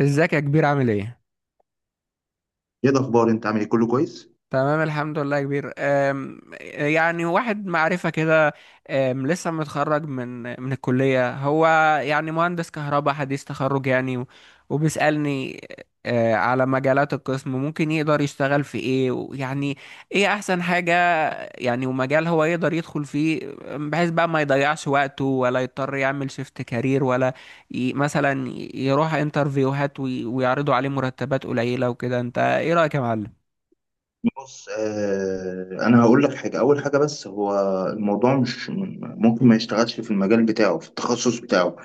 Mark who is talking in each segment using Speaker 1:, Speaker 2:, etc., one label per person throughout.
Speaker 1: ازيك يا كبير؟ عامل ايه؟
Speaker 2: ايه الاخبار؟ انت عامل ايه؟ كله كويس؟
Speaker 1: تمام الحمد لله يا كبير. يعني واحد معرفة كده. لسه متخرج من الكلية. هو يعني مهندس كهرباء حديث تخرج يعني وبيسألني على مجالات القسم ممكن يقدر يشتغل في ايه، ويعني ايه احسن حاجة يعني، ومجال هو يقدر يدخل فيه، بحيث بقى ما يضيعش وقته ولا يضطر يعمل شيفت كارير، ولا مثلا يروح انترفيوهات ويعرضوا عليه مرتبات قليلة وكده. انت ايه رأيك يا معلم؟
Speaker 2: بص، انا هقول لك حاجه. اول حاجه، بس هو الموضوع مش ممكن ما يشتغلش في المجال بتاعه في التخصص بتاعه،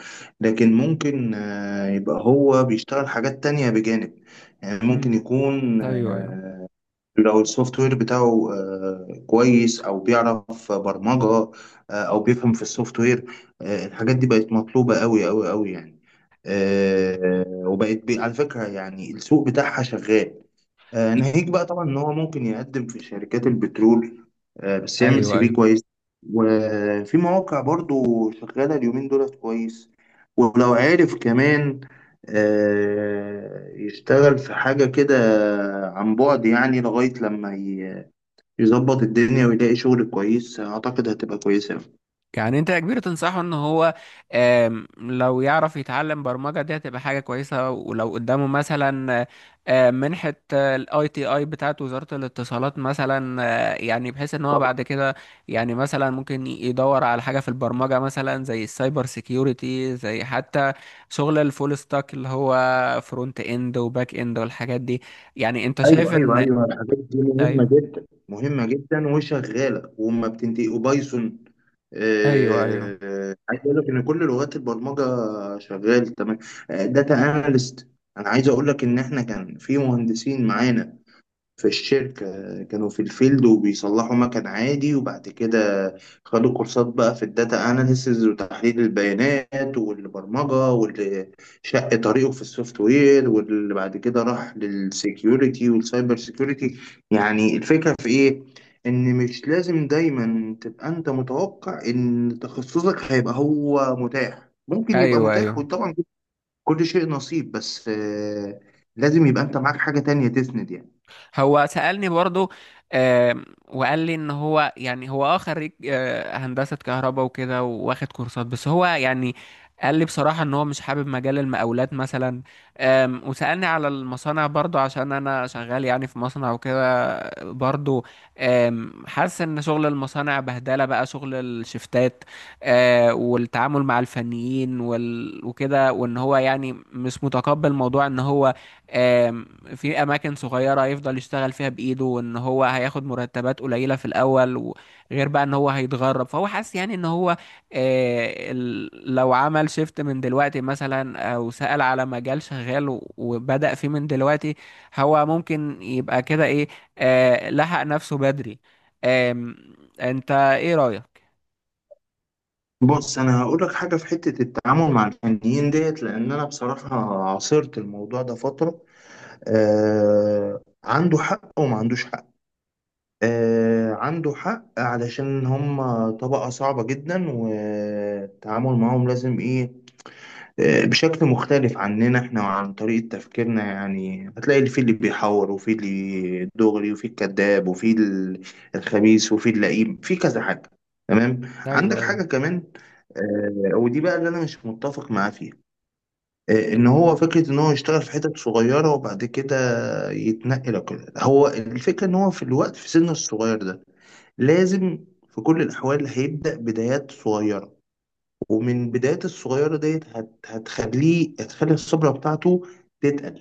Speaker 2: لكن ممكن يبقى هو بيشتغل حاجات تانية بجانب. يعني ممكن
Speaker 1: امم.
Speaker 2: يكون
Speaker 1: ايوه، ايوه.
Speaker 2: لو السوفت وير بتاعه كويس او بيعرف برمجه، او بيفهم في السوفت وير. الحاجات دي بقت مطلوبه قوي قوي قوي يعني. وبقت على فكره يعني السوق بتاعها شغال. ناهيك بقى طبعا ان هو ممكن يقدم في شركات البترول، بس يعمل
Speaker 1: ايوه،
Speaker 2: سي في
Speaker 1: ايوه.
Speaker 2: كويس. وفي مواقع برضو شغاله اليومين دولت كويس. ولو عارف كمان يشتغل في حاجه كده عن بعد، يعني لغايه لما يظبط الدنيا ويلاقي شغل كويس، اعتقد هتبقى كويسه
Speaker 1: يعني انت يا كبير تنصحه ان هو، لو يعرف يتعلم برمجه دي هتبقى حاجه كويسه. ولو قدامه مثلا منحه الاي تي اي بتاعت وزاره الاتصالات مثلا، يعني بحيث ان هو
Speaker 2: أوي.
Speaker 1: بعد كده، يعني مثلا ممكن يدور على حاجه في البرمجه مثلا، زي السايبر سيكيورتي، زي حتى شغل الفول ستاك اللي هو فرونت اند وباك اند والحاجات دي. يعني انت شايف
Speaker 2: ايوه ايوه
Speaker 1: ان...
Speaker 2: ايوه، الحاجات دي مهمه
Speaker 1: ايوه،
Speaker 2: جدا، مهمه جدا، وشغاله وما بتنتهي. وبايثون،
Speaker 1: ايوه، ايوه،
Speaker 2: عايز اقول لك ان كل لغات البرمجه شغال تمام. داتا اناليست، انا عايز اقول لك ان احنا كان في مهندسين معانا في الشركة كانوا في الفيلد وبيصلحوا مكن عادي، وبعد كده خدوا كورسات بقى في الداتا اناليسز وتحليل البيانات والبرمجة، واللي شق طريقه في السوفت وير، واللي بعد كده راح للسيكيورتي والسايبر سيكيورتي. يعني الفكرة في ايه؟ ان مش لازم دايما تبقى انت متوقع ان تخصصك هيبقى هو متاح. ممكن يبقى
Speaker 1: ايوه،
Speaker 2: متاح،
Speaker 1: ايوه.
Speaker 2: وطبعا كل شيء نصيب، بس لازم يبقى انت معاك حاجة تانية تسند يعني.
Speaker 1: هو سألني برضو. وقال لي ان هو، يعني هو خريج هندسة كهرباء وكده، واخد كورسات. بس هو يعني قال لي بصراحة ان هو مش حابب مجال المقاولات مثلا. وسألني على المصانع برضو، عشان انا شغال يعني في مصنع وكده برضو. حاسس ان شغل المصانع بهدلة بقى، شغل الشفتات والتعامل مع الفنيين وكده. وان هو يعني مش متقبل موضوع ان هو آم، في اماكن صغيره يفضل يشتغل فيها بايده، وان هو هياخد مرتبات قليله في الاول، وغير بقى ان هو هيتغرب. فهو حاسس يعني ان هو لو عمل شيفت من دلوقتي مثلا، او سأل على مجال شغال وبدأ فيه من دلوقتي، هو ممكن يبقى كده ايه، لحق نفسه بدري. آم، انت ايه رأيك؟
Speaker 2: بص، انا هقول لك حاجه في حته التعامل مع الفنيين ديت، لان انا بصراحه عاصرت الموضوع ده فتره. آه، عنده حق وما عندوش حق. آه، عنده حق علشان هم طبقه صعبه جدا، والتعامل معاهم لازم ايه؟ بشكل مختلف عننا احنا وعن طريقة تفكيرنا. يعني هتلاقي اللي فيه، اللي بيحور، وفي اللي دغري، وفي الكذاب، وفي الخبيث، وفي اللئيم، في كذا حاجة. تمام؟ عندك
Speaker 1: ايوه،
Speaker 2: حاجة
Speaker 1: ايوه،
Speaker 2: كمان، ودي بقى اللي انا مش متفق معاه فيها. ان هو فكرة ان هو يشتغل في حتت صغيرة وبعد كده يتنقل وكده. هو الفكرة ان هو في الوقت في سنه الصغير ده لازم في كل الاحوال هيبدأ بدايات صغيرة، ومن بدايات الصغيرة ديت هتخليه، هتخلي الخبرة بتاعته تتقل.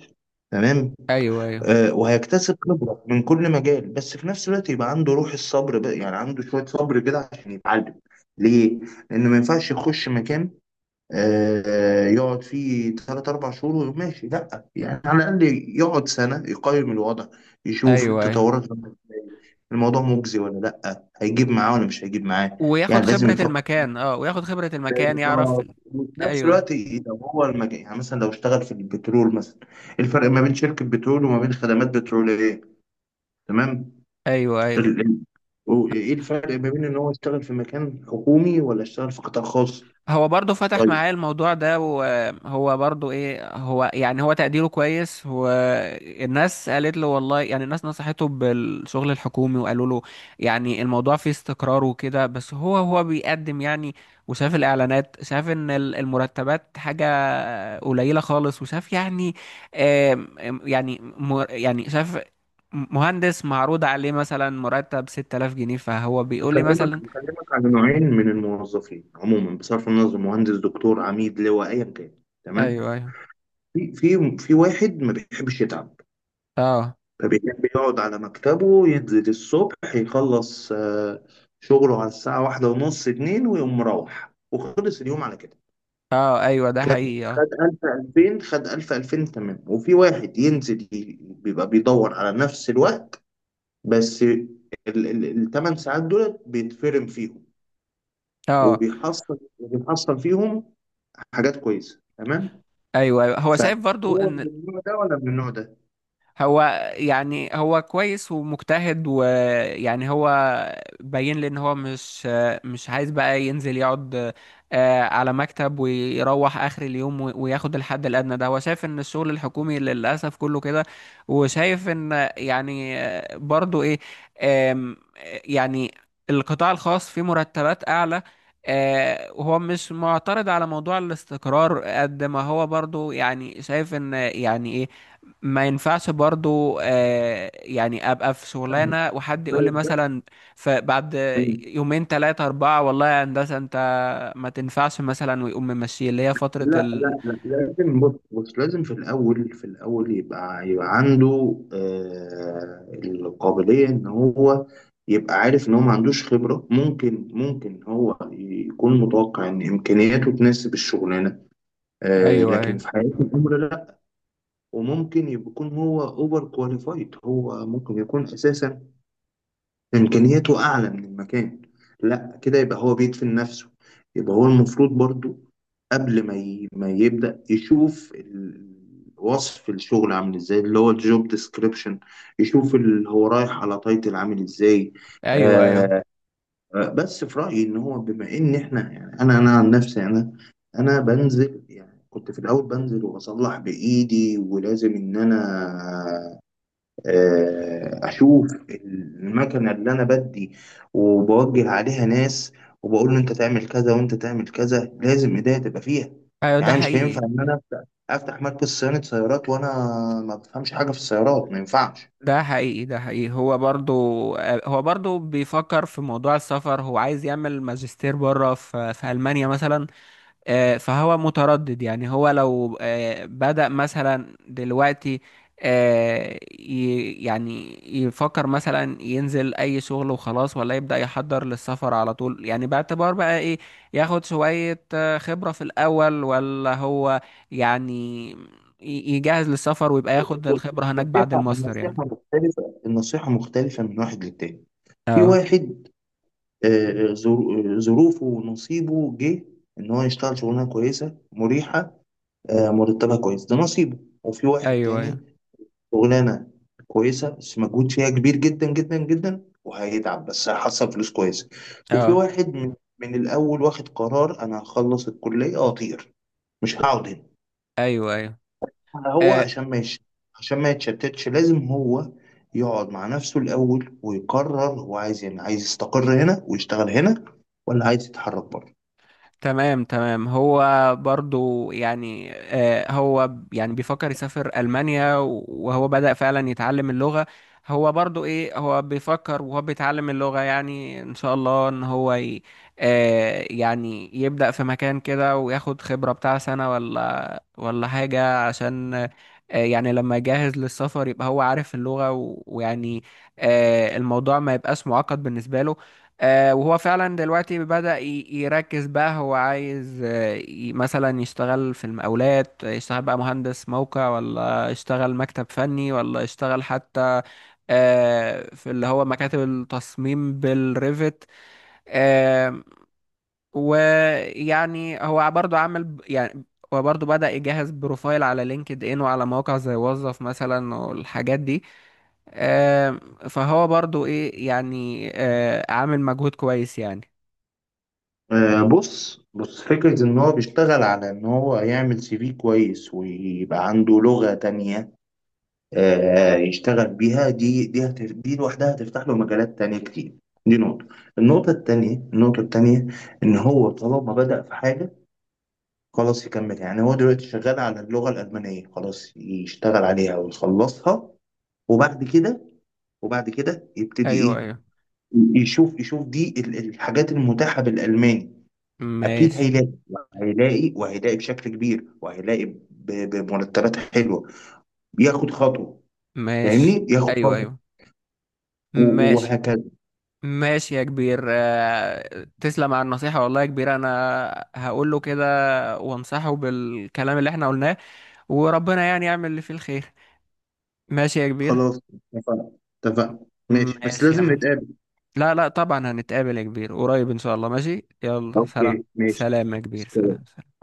Speaker 2: تمام؟
Speaker 1: ايوه، ايوه،
Speaker 2: آه، وهيكتسب خبرة من كل مجال، بس في نفس الوقت يبقى عنده روح الصبر بقى، يعني عنده شوية صبر كده عشان يتعلم. ليه؟ لأنه ما ينفعش يخش مكان يقعد فيه تلات أربع شهور ويقوم ماشي. لأ، يعني على الأقل يقعد سنة يقيم الوضع، يشوف
Speaker 1: ايوه، ايوه.
Speaker 2: التطورات، الموضوع مجزي ولا لأ، هيجيب معاه ولا مش هيجيب معاه.
Speaker 1: وياخد
Speaker 2: يعني لازم
Speaker 1: خبرة
Speaker 2: يفكر
Speaker 1: المكان، وياخد خبرة المكان يعرف
Speaker 2: بالظبط. وفي نفس
Speaker 1: ايوه،
Speaker 2: الوقت لو هو المجال، يعني مثلا لو اشتغل في البترول مثلا، الفرق ما بين شركة بترول وما بين خدمات بترولية. تمام؟
Speaker 1: ايوه، ايوه.
Speaker 2: ال- ال- ايه الفرق ما بين ان هو يشتغل في مكان حكومي ولا يشتغل في قطاع خاص؟
Speaker 1: هو برضه فتح
Speaker 2: طيب،
Speaker 1: معايا الموضوع ده، وهو برضه ايه، هو يعني هو تقديره كويس، والناس قالت له والله، يعني الناس نصحته بالشغل الحكومي، وقالوا له يعني الموضوع فيه استقرار وكده. بس هو، هو بيقدم يعني، وشاف الاعلانات، شاف ان المرتبات حاجة قليلة خالص. وشاف يعني آم، آم، يعني يعني شاف مهندس معروض عليه مثلا مرتب 6000 جنيه، فهو بيقول لي
Speaker 2: بكلمك،
Speaker 1: مثلا.
Speaker 2: بكلمك على نوعين من الموظفين عموما، بصرف النظر مهندس، دكتور، عميد، لواء، ايا كان. تمام؟
Speaker 1: ايوه، ايوه.
Speaker 2: في واحد ما بيحبش يتعب،
Speaker 1: اه،
Speaker 2: فبيحب يقعد على مكتبه، ينزل الصبح يخلص شغله على الساعة واحدة ونص اتنين ويقوم مروح وخلص اليوم على كده.
Speaker 1: اه، ايوه، ده
Speaker 2: خد
Speaker 1: حقيقي، اه،
Speaker 2: خد ألف، ألفين، خد ألف، ألفين، تمام. وفي واحد ينزل، بيبقى بيدور على نفس الوقت، بس الثمان ساعات دول بيتفرم فيهم،
Speaker 1: اه،
Speaker 2: وبيحصل، وبيحصل فيهم حاجات كويسة. تمام؟
Speaker 1: ايوه، ايوه. هو شايف برضو
Speaker 2: فهو
Speaker 1: ان
Speaker 2: من النوع ده ولا من النوع ده؟
Speaker 1: هو، يعني هو كويس ومجتهد، ويعني هو باين لي ان هو مش عايز بقى ينزل يقعد على مكتب، ويروح اخر اليوم وياخد الحد الادنى. ده هو شايف ان الشغل الحكومي للاسف كله كده. وشايف ان يعني برضو ايه، آم، يعني القطاع الخاص فيه مرتبات اعلى. وهو مش معترض على موضوع الاستقرار قد ما هو برضو، يعني شايف ان يعني إيه، ما ينفعش برضو يعني ابقى في
Speaker 2: فاهمك.
Speaker 1: شغلانه، وحد يقول لي
Speaker 2: بس-
Speaker 1: مثلا فبعد يومين، ثلاثه، اربعه، والله يا هندسه انت ما تنفعش مثلا، ويقوم ممشي، اللي هي فتره
Speaker 2: لا
Speaker 1: ال...
Speaker 2: لا لا، لازم، بص بص، لازم في الأول، في الأول يبقى، يبقى عنده القابلية إن هو يبقى عارف إن هو ما عندوش خبرة. ممكن، ممكن هو يكون متوقع إن إمكانياته تناسب الشغلانة، آه،
Speaker 1: ايوه،
Speaker 2: لكن
Speaker 1: ايوه،
Speaker 2: في حياة الأمر لا. وممكن يكون هو أوفر كواليفايد، هو ممكن يكون أساسا إمكانياته أعلى من المكان. لا، كده يبقى هو بيدفن نفسه. يبقى هو المفروض برضو قبل ما يبدأ، يشوف وصف الشغل عامل ازاي، اللي هو الجوب ديسكريبشن، يشوف اللي هو رايح على تايتل عامل ازاي.
Speaker 1: ايوه، ايوه،
Speaker 2: آه بس في رأيي ان هو بما ان احنا، يعني انا عن نفسي، انا بنزل، يعني كنت في الاول بنزل واصلح بايدي، ولازم ان انا اشوف المكنه اللي انا بدي، وبوجه عليها ناس، وبقول له انت تعمل كذا وانت تعمل كذا. لازم ايديا تبقى فيها.
Speaker 1: ايوه، ده
Speaker 2: يعني مش هينفع
Speaker 1: حقيقي،
Speaker 2: ان انا افتح مركز صيانه سيارات وانا ما بفهمش حاجه في السيارات. ما ينفعش.
Speaker 1: ده حقيقي. ده حقيقي. هو برضو هو برضو بيفكر في موضوع السفر. هو عايز يعمل ماجستير بره في المانيا مثلا. فهو متردد. يعني هو لو بدأ مثلا دلوقتي، يعني يفكر مثلا ينزل أي شغل وخلاص، ولا يبدأ يحضر للسفر على طول، يعني باعتبار بقى إيه، ياخد شوية خبرة في الأول، ولا هو يعني يجهز للسفر ويبقى ياخد الخبرة هناك بعد
Speaker 2: النصيحه،
Speaker 1: الماستر
Speaker 2: النصيحه
Speaker 1: يعني.
Speaker 2: مختلفه، النصيحه مختلفه من واحد للتاني. في
Speaker 1: اه،
Speaker 2: واحد ظروفه ونصيبه جه ان هو يشتغل شغلانه كويسه مريحه، مرتبها كويس، ده نصيبه. وفي واحد
Speaker 1: ايوه، ايوه.
Speaker 2: تاني شغلانه كويسه بس مجهود فيها كبير جدا جدا جدا، وهيتعب بس هيحصل فلوس كويسه. وفي
Speaker 1: اه،
Speaker 2: واحد من من الاول واخد قرار: انا هخلص الكليه واطير، مش هقعد هنا.
Speaker 1: ايوه، ايوه.
Speaker 2: أنا هو
Speaker 1: آه،
Speaker 2: عشان ما يش... عشان ما يتشتتش لازم هو يقعد مع نفسه الاول ويقرر، هو عايز، يعني عايز يستقر هنا ويشتغل هنا، ولا عايز يتحرك بره.
Speaker 1: تمام، تمام. هو برضو يعني هو يعني بيفكر يسافر ألمانيا، وهو بدأ فعلا يتعلم اللغة. هو برضو ايه، هو بيفكر وهو بيتعلم اللغة. يعني ان شاء الله ان هو يعني يبدأ في مكان كده، وياخد خبرة بتاع سنة، ولا حاجة، عشان يعني لما يجهز للسفر يبقى هو عارف اللغة، ويعني الموضوع ما يبقاش معقد بالنسبة له. وهو فعلا دلوقتي بدأ يركز، بقى هو عايز مثلا يشتغل في المقاولات، يشتغل بقى مهندس موقع، ولا يشتغل مكتب فني، ولا يشتغل حتى في اللي هو مكاتب التصميم بالريفت. آه، ويعني هو برضه عامل يعني هو برضه بدأ يجهز بروفايل على لينكد ان، وعلى مواقع زي وظف مثلا والحاجات دي. آه، فهو برضه ايه، يعني عامل مجهود كويس يعني.
Speaker 2: بص بص، فكرة إن هو بيشتغل على إن هو يعمل سي في كويس، ويبقى عنده لغة تانية يشتغل بيها، دي، دي لوحدها هتفتح له مجالات تانية كتير. دي نقطة. النقطة التانية، النقطة التانية، إن هو طالما بدأ في حاجة خلاص يكمل. يعني هو دلوقتي شغال على اللغة الألمانية، خلاص يشتغل عليها ويخلصها، وبعد كده، وبعد كده يبتدي
Speaker 1: ايوه،
Speaker 2: إيه،
Speaker 1: ايوه،
Speaker 2: يشوف، يشوف دي الحاجات المتاحة بالألماني. أكيد
Speaker 1: ماشي،
Speaker 2: هيلاقي، هيلاقي، وهيلاقي بشكل كبير، وهيلاقي بمرتبات حلوة. بياخد خطوة،
Speaker 1: ماشي.
Speaker 2: فاهمني، ياخد
Speaker 1: ايوه،
Speaker 2: خطوة،
Speaker 1: ايوه،
Speaker 2: و-
Speaker 1: ماشي،
Speaker 2: وهكذا.
Speaker 1: ماشي يا كبير. تسلم على النصيحة والله يا كبير. انا هقول له كده، وانصحه بالكلام اللي احنا قلناه، وربنا يعني يعمل اللي فيه الخير. ماشي يا كبير.
Speaker 2: خلاص، اتفقنا، اتفقنا، ماشي، بس
Speaker 1: ماشي يا
Speaker 2: لازم
Speaker 1: معلم.
Speaker 2: نتقابل.
Speaker 1: لا، لا، طبعا هنتقابل يا كبير قريب ان شاء الله. ماشي، يلا
Speaker 2: اوكي،
Speaker 1: سلام.
Speaker 2: ماشي،
Speaker 1: سلام يا كبير، سلام،
Speaker 2: سلام.
Speaker 1: سلام.